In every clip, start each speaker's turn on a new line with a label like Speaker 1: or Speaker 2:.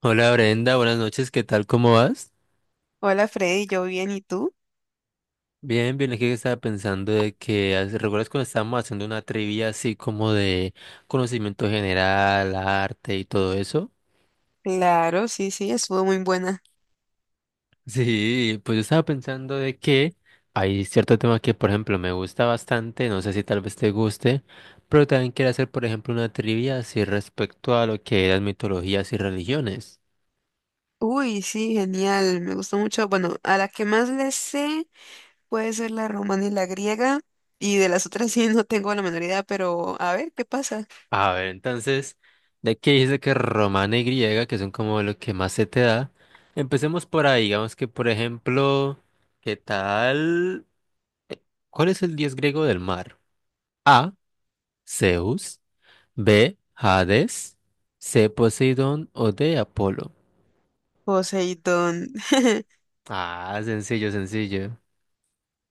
Speaker 1: Hola Brenda, buenas noches, ¿qué tal? ¿Cómo vas?
Speaker 2: Hola Freddy, yo bien, ¿y tú?
Speaker 1: Bien, bien, aquí estaba pensando de que, hace- ¿recuerdas cuando estábamos haciendo una trivia así como de conocimiento general, arte y todo eso?
Speaker 2: Claro, sí, sí, estuvo muy buena.
Speaker 1: Sí, pues yo estaba pensando de que hay cierto tema que, por ejemplo, me gusta bastante, no sé si tal vez te guste, pero también quiero hacer, por ejemplo, una trivia así respecto a lo que eran mitologías y religiones.
Speaker 2: Uy, sí, genial, me gustó mucho. Bueno, a la que más le sé puede ser la romana y la griega, y de las otras sí no tengo la menor idea, pero a ver, ¿qué pasa?
Speaker 1: A ver, entonces, de que dice que romana y griega, que son como lo que más se te da, empecemos por ahí, digamos que por ejemplo, ¿qué tal? eh, ¿Cuál es el dios griego del mar? A, Zeus, B, Hades, C, Poseidón o D, Apolo.
Speaker 2: Poseidón.
Speaker 1: Ah, sencillo, sencillo.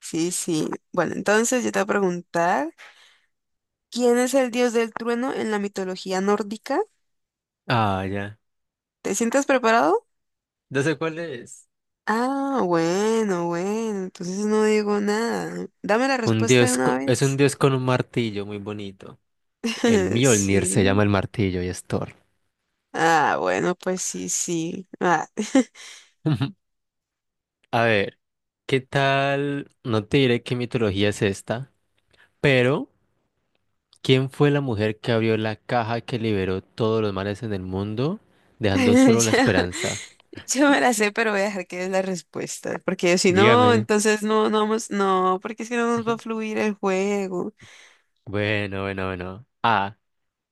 Speaker 2: Sí, sí. Bueno, entonces yo te voy a preguntar, ¿quién es el dios del trueno en la mitología nórdica?
Speaker 1: Ah, ya.
Speaker 2: ¿Te sientes preparado?
Speaker 1: No sé cuál es.
Speaker 2: Ah, bueno, bueno, entonces no digo nada. Dame la
Speaker 1: Un
Speaker 2: respuesta de
Speaker 1: dios
Speaker 2: una
Speaker 1: co- es un
Speaker 2: vez.
Speaker 1: dios con un martillo muy bonito. El Mjolnir se llama
Speaker 2: Sí.
Speaker 1: el martillo y es Thor.
Speaker 2: Ah, bueno, pues sí, sí. Ah.
Speaker 1: A ver, ¿qué tal? No te diré qué mitología es esta, pero ¿quién fue la mujer que abrió la caja que liberó todos los males en el mundo, dejando solo la
Speaker 2: Ya-
Speaker 1: esperanza?
Speaker 2: Yo, me la sé, pero voy a dejar que es la respuesta. Porque si no,
Speaker 1: Dígame.
Speaker 2: entonces no, no vamos, no, porque si no nos va a fluir el juego.
Speaker 1: Bueno, bueno, bueno. A.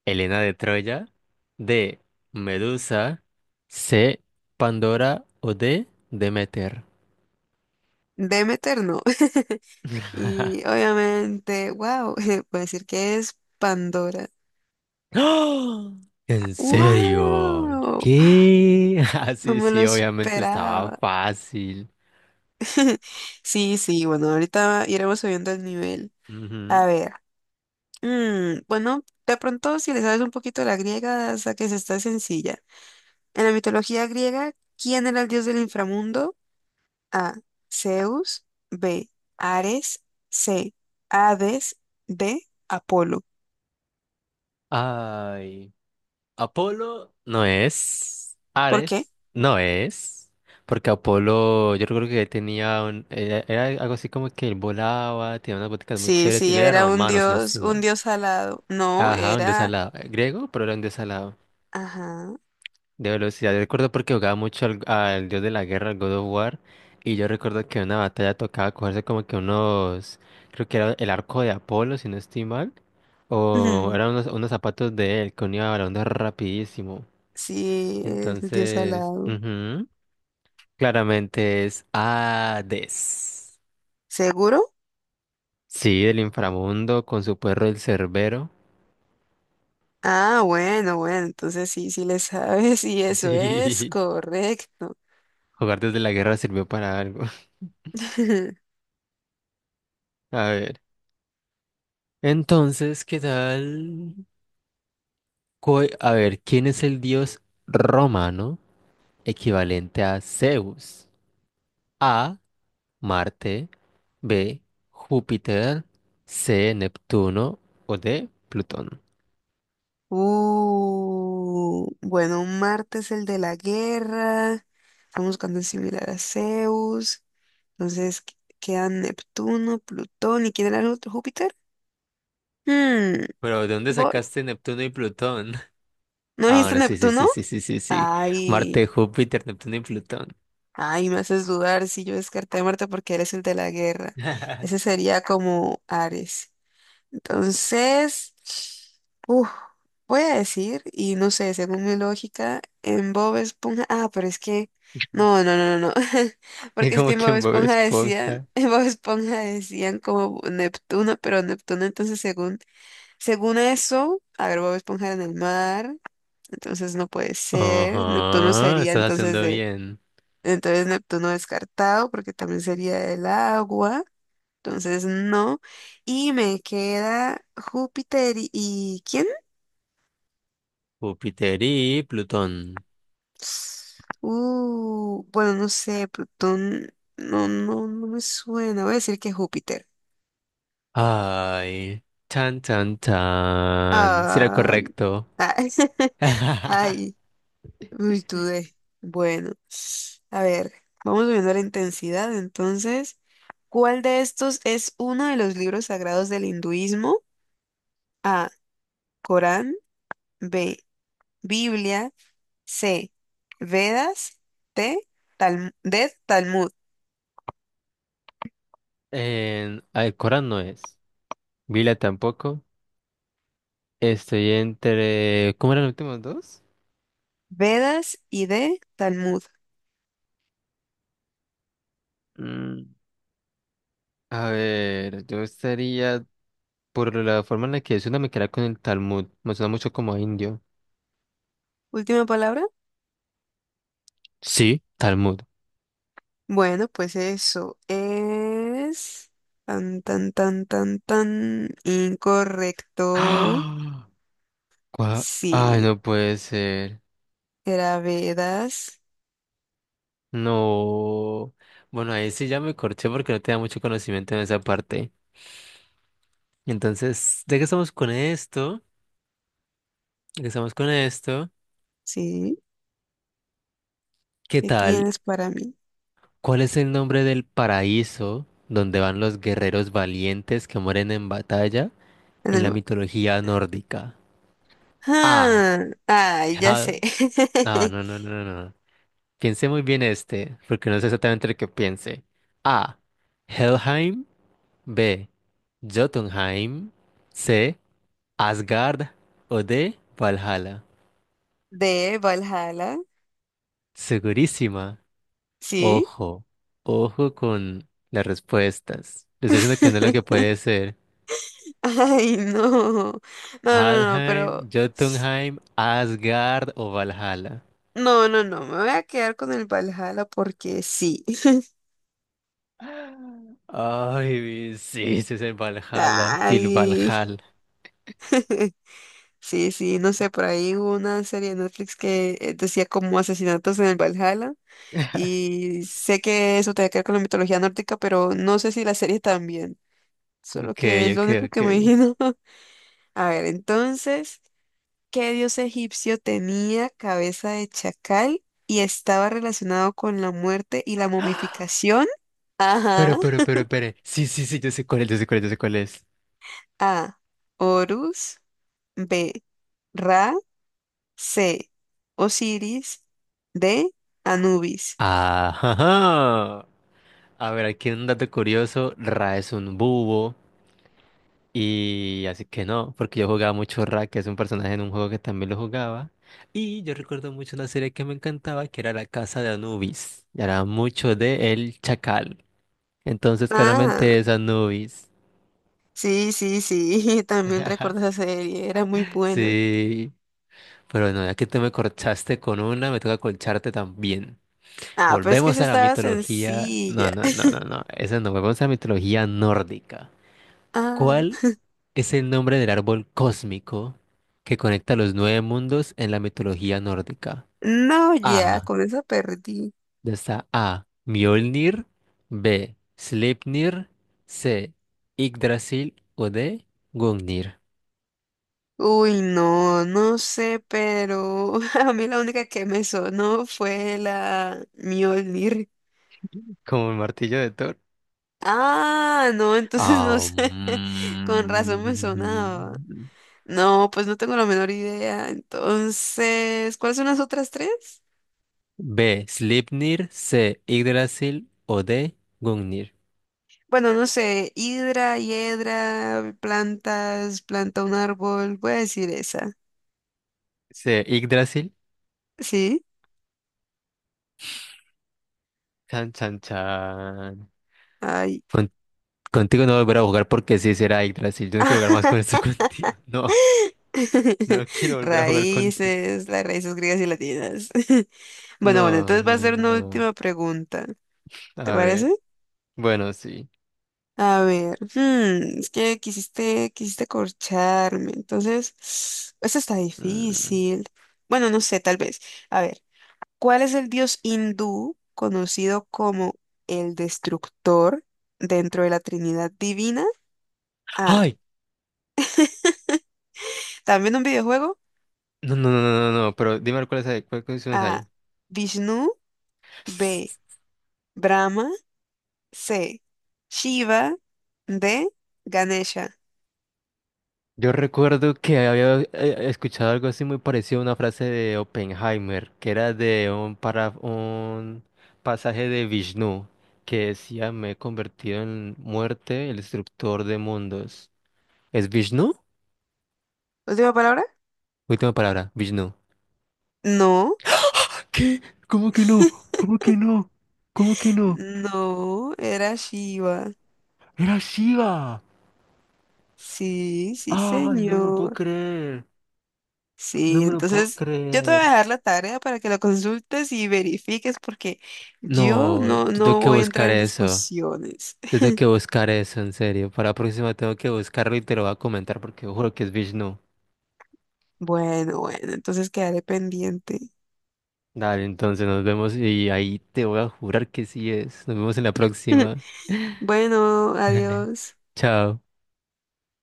Speaker 1: Helena de Troya. D. Medusa. C. Pandora o D. Demeter.
Speaker 2: Demeter no. Y obviamente, wow, voy a decir que es Pandora.
Speaker 1: ¡Ah! ¿En serio?
Speaker 2: ¡Wow!
Speaker 1: ¿Qué? Ah,
Speaker 2: No
Speaker 1: sí,
Speaker 2: me lo
Speaker 1: sí, obviamente estaba
Speaker 2: esperaba.
Speaker 1: fácil.
Speaker 2: Sí, sí, bueno, ahorita iremos subiendo el nivel.
Speaker 1: Ujú.
Speaker 2: A ver. Bueno, de pronto, si le sabes un poquito la griega, hasta que se está sencilla. En la mitología griega, ¿quién era el dios del inframundo? A. Zeus. B. Ares. C. Hades. D. Apolo.
Speaker 1: Ay, Apolo no es,
Speaker 2: ¿Por qué?
Speaker 1: Ares no es, porque Apolo yo creo que tenía era, era algo así como que él volaba, tenía unas boticas muy
Speaker 2: Sí,
Speaker 1: chéveres, y
Speaker 2: sí,
Speaker 1: él era
Speaker 2: era
Speaker 1: romano, si no estoy
Speaker 2: un
Speaker 1: mal.
Speaker 2: dios alado. No,
Speaker 1: Ajá, un dios
Speaker 2: era...
Speaker 1: alado, griego, pero era un dios alado.
Speaker 2: Ajá.
Speaker 1: De velocidad, yo recuerdo porque jugaba mucho al dios de la guerra, al God of War, y yo recuerdo que en una batalla tocaba cogerse como que unos, creo que era el arco de Apolo, si no estoy mal, o eran unos zapatos de él, que unía balondas rapidísimo.
Speaker 2: Sí, es el dios
Speaker 1: Entonces,
Speaker 2: alado.
Speaker 1: ujú, claramente es Hades.
Speaker 2: ¿Seguro?
Speaker 1: Sí, del inframundo con su perro el Cerbero.
Speaker 2: Ah, bueno, bueno, entonces sí, sí le sabes y eso es
Speaker 1: Sí,
Speaker 2: correcto.
Speaker 1: jugar desde la guerra sirvió para algo. A ver, entonces, ¿qué tal? Co- A ver, ¿quién es el dios romano equivalente a Zeus? A. Marte. B. Júpiter. C. Neptuno. O D. Plutón.
Speaker 2: Bueno, Marte es el de la guerra. Estamos buscando el similar a Zeus. Entonces quedan Neptuno, Plutón. ¿Y quién era el otro? ¿Júpiter? Hmm,
Speaker 1: Pero ¿de dónde
Speaker 2: Voy.
Speaker 1: sacaste Neptuno y Plutón?
Speaker 2: ¿No
Speaker 1: Ah,
Speaker 2: dijiste
Speaker 1: bueno, sí, sí, sí,
Speaker 2: Neptuno?
Speaker 1: sí, sí, sí, sí.
Speaker 2: Ay,
Speaker 1: Marte, Júpiter, Neptuno y Plutón.
Speaker 2: ay, me haces dudar si yo descarté a Marte porque él es el de la guerra. Ese sería como Ares. Entonces, uf, voy a decir, y no sé, según mi lógica, en Bob Esponja, ah, pero es que, no, no, no, no, no,
Speaker 1: Y
Speaker 2: porque es
Speaker 1: como
Speaker 2: que en
Speaker 1: que
Speaker 2: Bob
Speaker 1: en Bob
Speaker 2: Esponja decían,
Speaker 1: Esponja.
Speaker 2: en Bob Esponja decían como Neptuno, pero Neptuno entonces según, según eso, a ver, Bob Esponja era en el mar, entonces no puede ser, Neptuno
Speaker 1: Ajá,
Speaker 2: sería
Speaker 1: estás
Speaker 2: entonces
Speaker 1: haciendo
Speaker 2: de,
Speaker 1: bien.
Speaker 2: entonces Neptuno descartado, porque también sería el agua. Entonces, no. Y me queda Júpiter y, ¿quién?
Speaker 1: Júpiter y Plutón.
Speaker 2: Bueno, no sé, Plutón, no, no, no me suena. Voy a decir que Júpiter.
Speaker 1: Ay, tan, tan, tan. Si era
Speaker 2: Ay,
Speaker 1: correcto.
Speaker 2: ay, ay, uy, dudé. Bueno, a ver, vamos viendo la intensidad. Entonces, ¿cuál de estos es uno de los libros sagrados del hinduismo? A, Corán, B, Biblia. C. Vedas. T. D. Talmud.
Speaker 1: En Alcorán no es. Vila tampoco. Estoy entre... ¿Cómo eran los últimos dos?
Speaker 2: Vedas y D. Talmud.
Speaker 1: Mm, a ver, yo estaría... Por la forma en la que suena me queda con el Talmud. Me suena mucho como a indio.
Speaker 2: Última palabra.
Speaker 1: Sí, Talmud.
Speaker 2: Bueno, pues eso es tan, tan, tan, tan, tan incorrecto.
Speaker 1: ¡Ah! Gua- Ay,
Speaker 2: Sí,
Speaker 1: no puede ser.
Speaker 2: era Vedas.
Speaker 1: No. Bueno, ahí sí ya me corché porque no tenía mucho conocimiento en esa parte. Entonces, ya que estamos con esto, ya que estamos con esto,
Speaker 2: Sí,
Speaker 1: ¿qué
Speaker 2: ¿qué
Speaker 1: tal?
Speaker 2: tienes para mí?
Speaker 1: ¿Cuál es el nombre del paraíso donde van los guerreros valientes que mueren en batalla
Speaker 2: En
Speaker 1: en la
Speaker 2: el...
Speaker 1: mitología nórdica? A.
Speaker 2: Ah, ay,
Speaker 1: Hel-
Speaker 2: ya sé.
Speaker 1: Ah, no, no, no, no, no. Piense muy bien este, porque no sé exactamente lo que piense. A. Helheim. B. Jotunheim. C. Asgard. O D. Valhalla.
Speaker 2: De Valhalla.
Speaker 1: Segurísima.
Speaker 2: Sí.
Speaker 1: Ojo, ojo con las respuestas. Le estoy diciendo que no es lo que puede ser.
Speaker 2: Ay, no. No, no, no, pero.
Speaker 1: Halheim, Jotunheim, Asgard o Valhalla.
Speaker 2: No, no, no. Me voy a quedar con el Valhalla porque sí.
Speaker 1: Ay, sí, ese es el Valhalla, Til
Speaker 2: Ay.
Speaker 1: Valhalla.
Speaker 2: Sí, sí, no sé, por ahí hubo una serie de Netflix que decía como asesinatos en el Valhalla. Y sé que eso tiene que ver con la mitología nórdica, pero no sé si la serie también. Solo
Speaker 1: Ok,
Speaker 2: que es lo
Speaker 1: ok,
Speaker 2: único
Speaker 1: ok.
Speaker 2: que me imagino. A ver, entonces. ¿Qué dios egipcio tenía cabeza de chacal y estaba relacionado con la muerte y la momificación? Ajá.
Speaker 1: Pero, pero. Sí, sí, sí, yo sé cuál es, yo sé cuál es, yo sé cuál es.
Speaker 2: A. Horus. B. Ra. C. Osiris. D. Anubis.
Speaker 1: Ajá. A ver, aquí un dato curioso. Ra es un búho. Y así que no, porque yo jugaba mucho Ra, que es un personaje en un juego que también lo jugaba. Y yo recuerdo mucho una serie que me encantaba, que era La Casa de Anubis. Y era mucho de El Chacal. Entonces,
Speaker 2: Ah,
Speaker 1: claramente es Anubis.
Speaker 2: sí, sí, sí. También recuerdo esa serie. Era muy buena.
Speaker 1: Sí, pero bueno, ya que tú me corchaste con una, me toca colcharte también.
Speaker 2: Ah, pero es que
Speaker 1: Volvemos
Speaker 2: esa
Speaker 1: a la
Speaker 2: estaba
Speaker 1: mitología. No,
Speaker 2: sencilla.
Speaker 1: no, no, no, no. Esa no, volvemos a la mitología nórdica.
Speaker 2: Ah,
Speaker 1: ¿Cuál es el nombre del árbol cósmico que conecta los nueve mundos en la mitología nórdica?
Speaker 2: no, ya,
Speaker 1: A.
Speaker 2: con esa perdí.
Speaker 1: Ya está A. Mjolnir. B. Sleipnir. C. Yggdrasil. O D. Gungnir.
Speaker 2: Uy, no, no sé, pero a mí la única que me sonó fue la Mjolnir.
Speaker 1: Como el martillo de Thor.
Speaker 2: Ah, no, entonces no
Speaker 1: Ah,
Speaker 2: sé. Con razón me sonaba.
Speaker 1: mm.
Speaker 2: No, pues no tengo la menor idea. Entonces, ¿cuáles son las otras tres?
Speaker 1: B. Sleipnir. C. Yggdrasil. O D. Gungnir.
Speaker 2: Bueno, no sé, hidra, hiedra, plantas, planta un árbol. Voy a decir esa.
Speaker 1: C. Yggdrasil.
Speaker 2: ¿Sí?
Speaker 1: Chan, chan, chan.
Speaker 2: Ay.
Speaker 1: Contigo no volver a jugar porque sí será Yggdrasil. Yo no quiero jugar más con esto contigo. No, no quiero volver a jugar contigo.
Speaker 2: Raíces, las raíces griegas y latinas. Bueno, bueno,
Speaker 1: No,
Speaker 2: entonces va
Speaker 1: no,
Speaker 2: a ser una
Speaker 1: no.
Speaker 2: última pregunta. ¿Te
Speaker 1: A
Speaker 2: parece?
Speaker 1: ver. Bueno, sí.
Speaker 2: A ver, hmm, es que quisiste corcharme, entonces, esto está
Speaker 1: Mm.
Speaker 2: difícil. Bueno, no sé, tal vez. A ver, ¿cuál es el dios hindú conocido como el destructor dentro de la Trinidad Divina? A.
Speaker 1: ¡Ay!
Speaker 2: También un videojuego.
Speaker 1: No, no, no, no, no, no. Pero dime cuáles hay, cuáles
Speaker 2: A.
Speaker 1: hay.
Speaker 2: Vishnu. B. Brahma. C. Shiva. D. Ganesha.
Speaker 1: Yo recuerdo que había escuchado algo así muy parecido a una frase de Oppenheimer, que era de un, para, un pasaje de Vishnu, que decía, me he convertido en muerte, el destructor de mundos. ¿Es Vishnu?
Speaker 2: ¿Última palabra?
Speaker 1: Última palabra, Vishnu.
Speaker 2: No,
Speaker 1: ¿Qué? ¿Cómo que no? ¿Cómo que no? ¿Cómo que no?
Speaker 2: no, era Shiva.
Speaker 1: Era Shiva.
Speaker 2: Sí, sí,
Speaker 1: Ay, no me lo puedo
Speaker 2: señor.
Speaker 1: creer. No
Speaker 2: Sí,
Speaker 1: me lo puedo
Speaker 2: entonces yo te voy
Speaker 1: creer.
Speaker 2: a dejar la tarea para que la consultes y verifiques porque yo
Speaker 1: No, yo
Speaker 2: no,
Speaker 1: tengo
Speaker 2: no
Speaker 1: que
Speaker 2: voy a
Speaker 1: buscar
Speaker 2: entrar en
Speaker 1: eso.
Speaker 2: discusiones.
Speaker 1: Yo tengo que buscar eso, en serio. Para la próxima tengo que buscarlo y te lo voy a comentar porque juro que es Vishnu.
Speaker 2: Bueno, bueno, entonces quedaré pendiente.
Speaker 1: Dale, entonces nos vemos y ahí te voy a jurar que sí es. Nos vemos en la próxima.
Speaker 2: Bueno,
Speaker 1: Dale.
Speaker 2: adiós.
Speaker 1: Chao.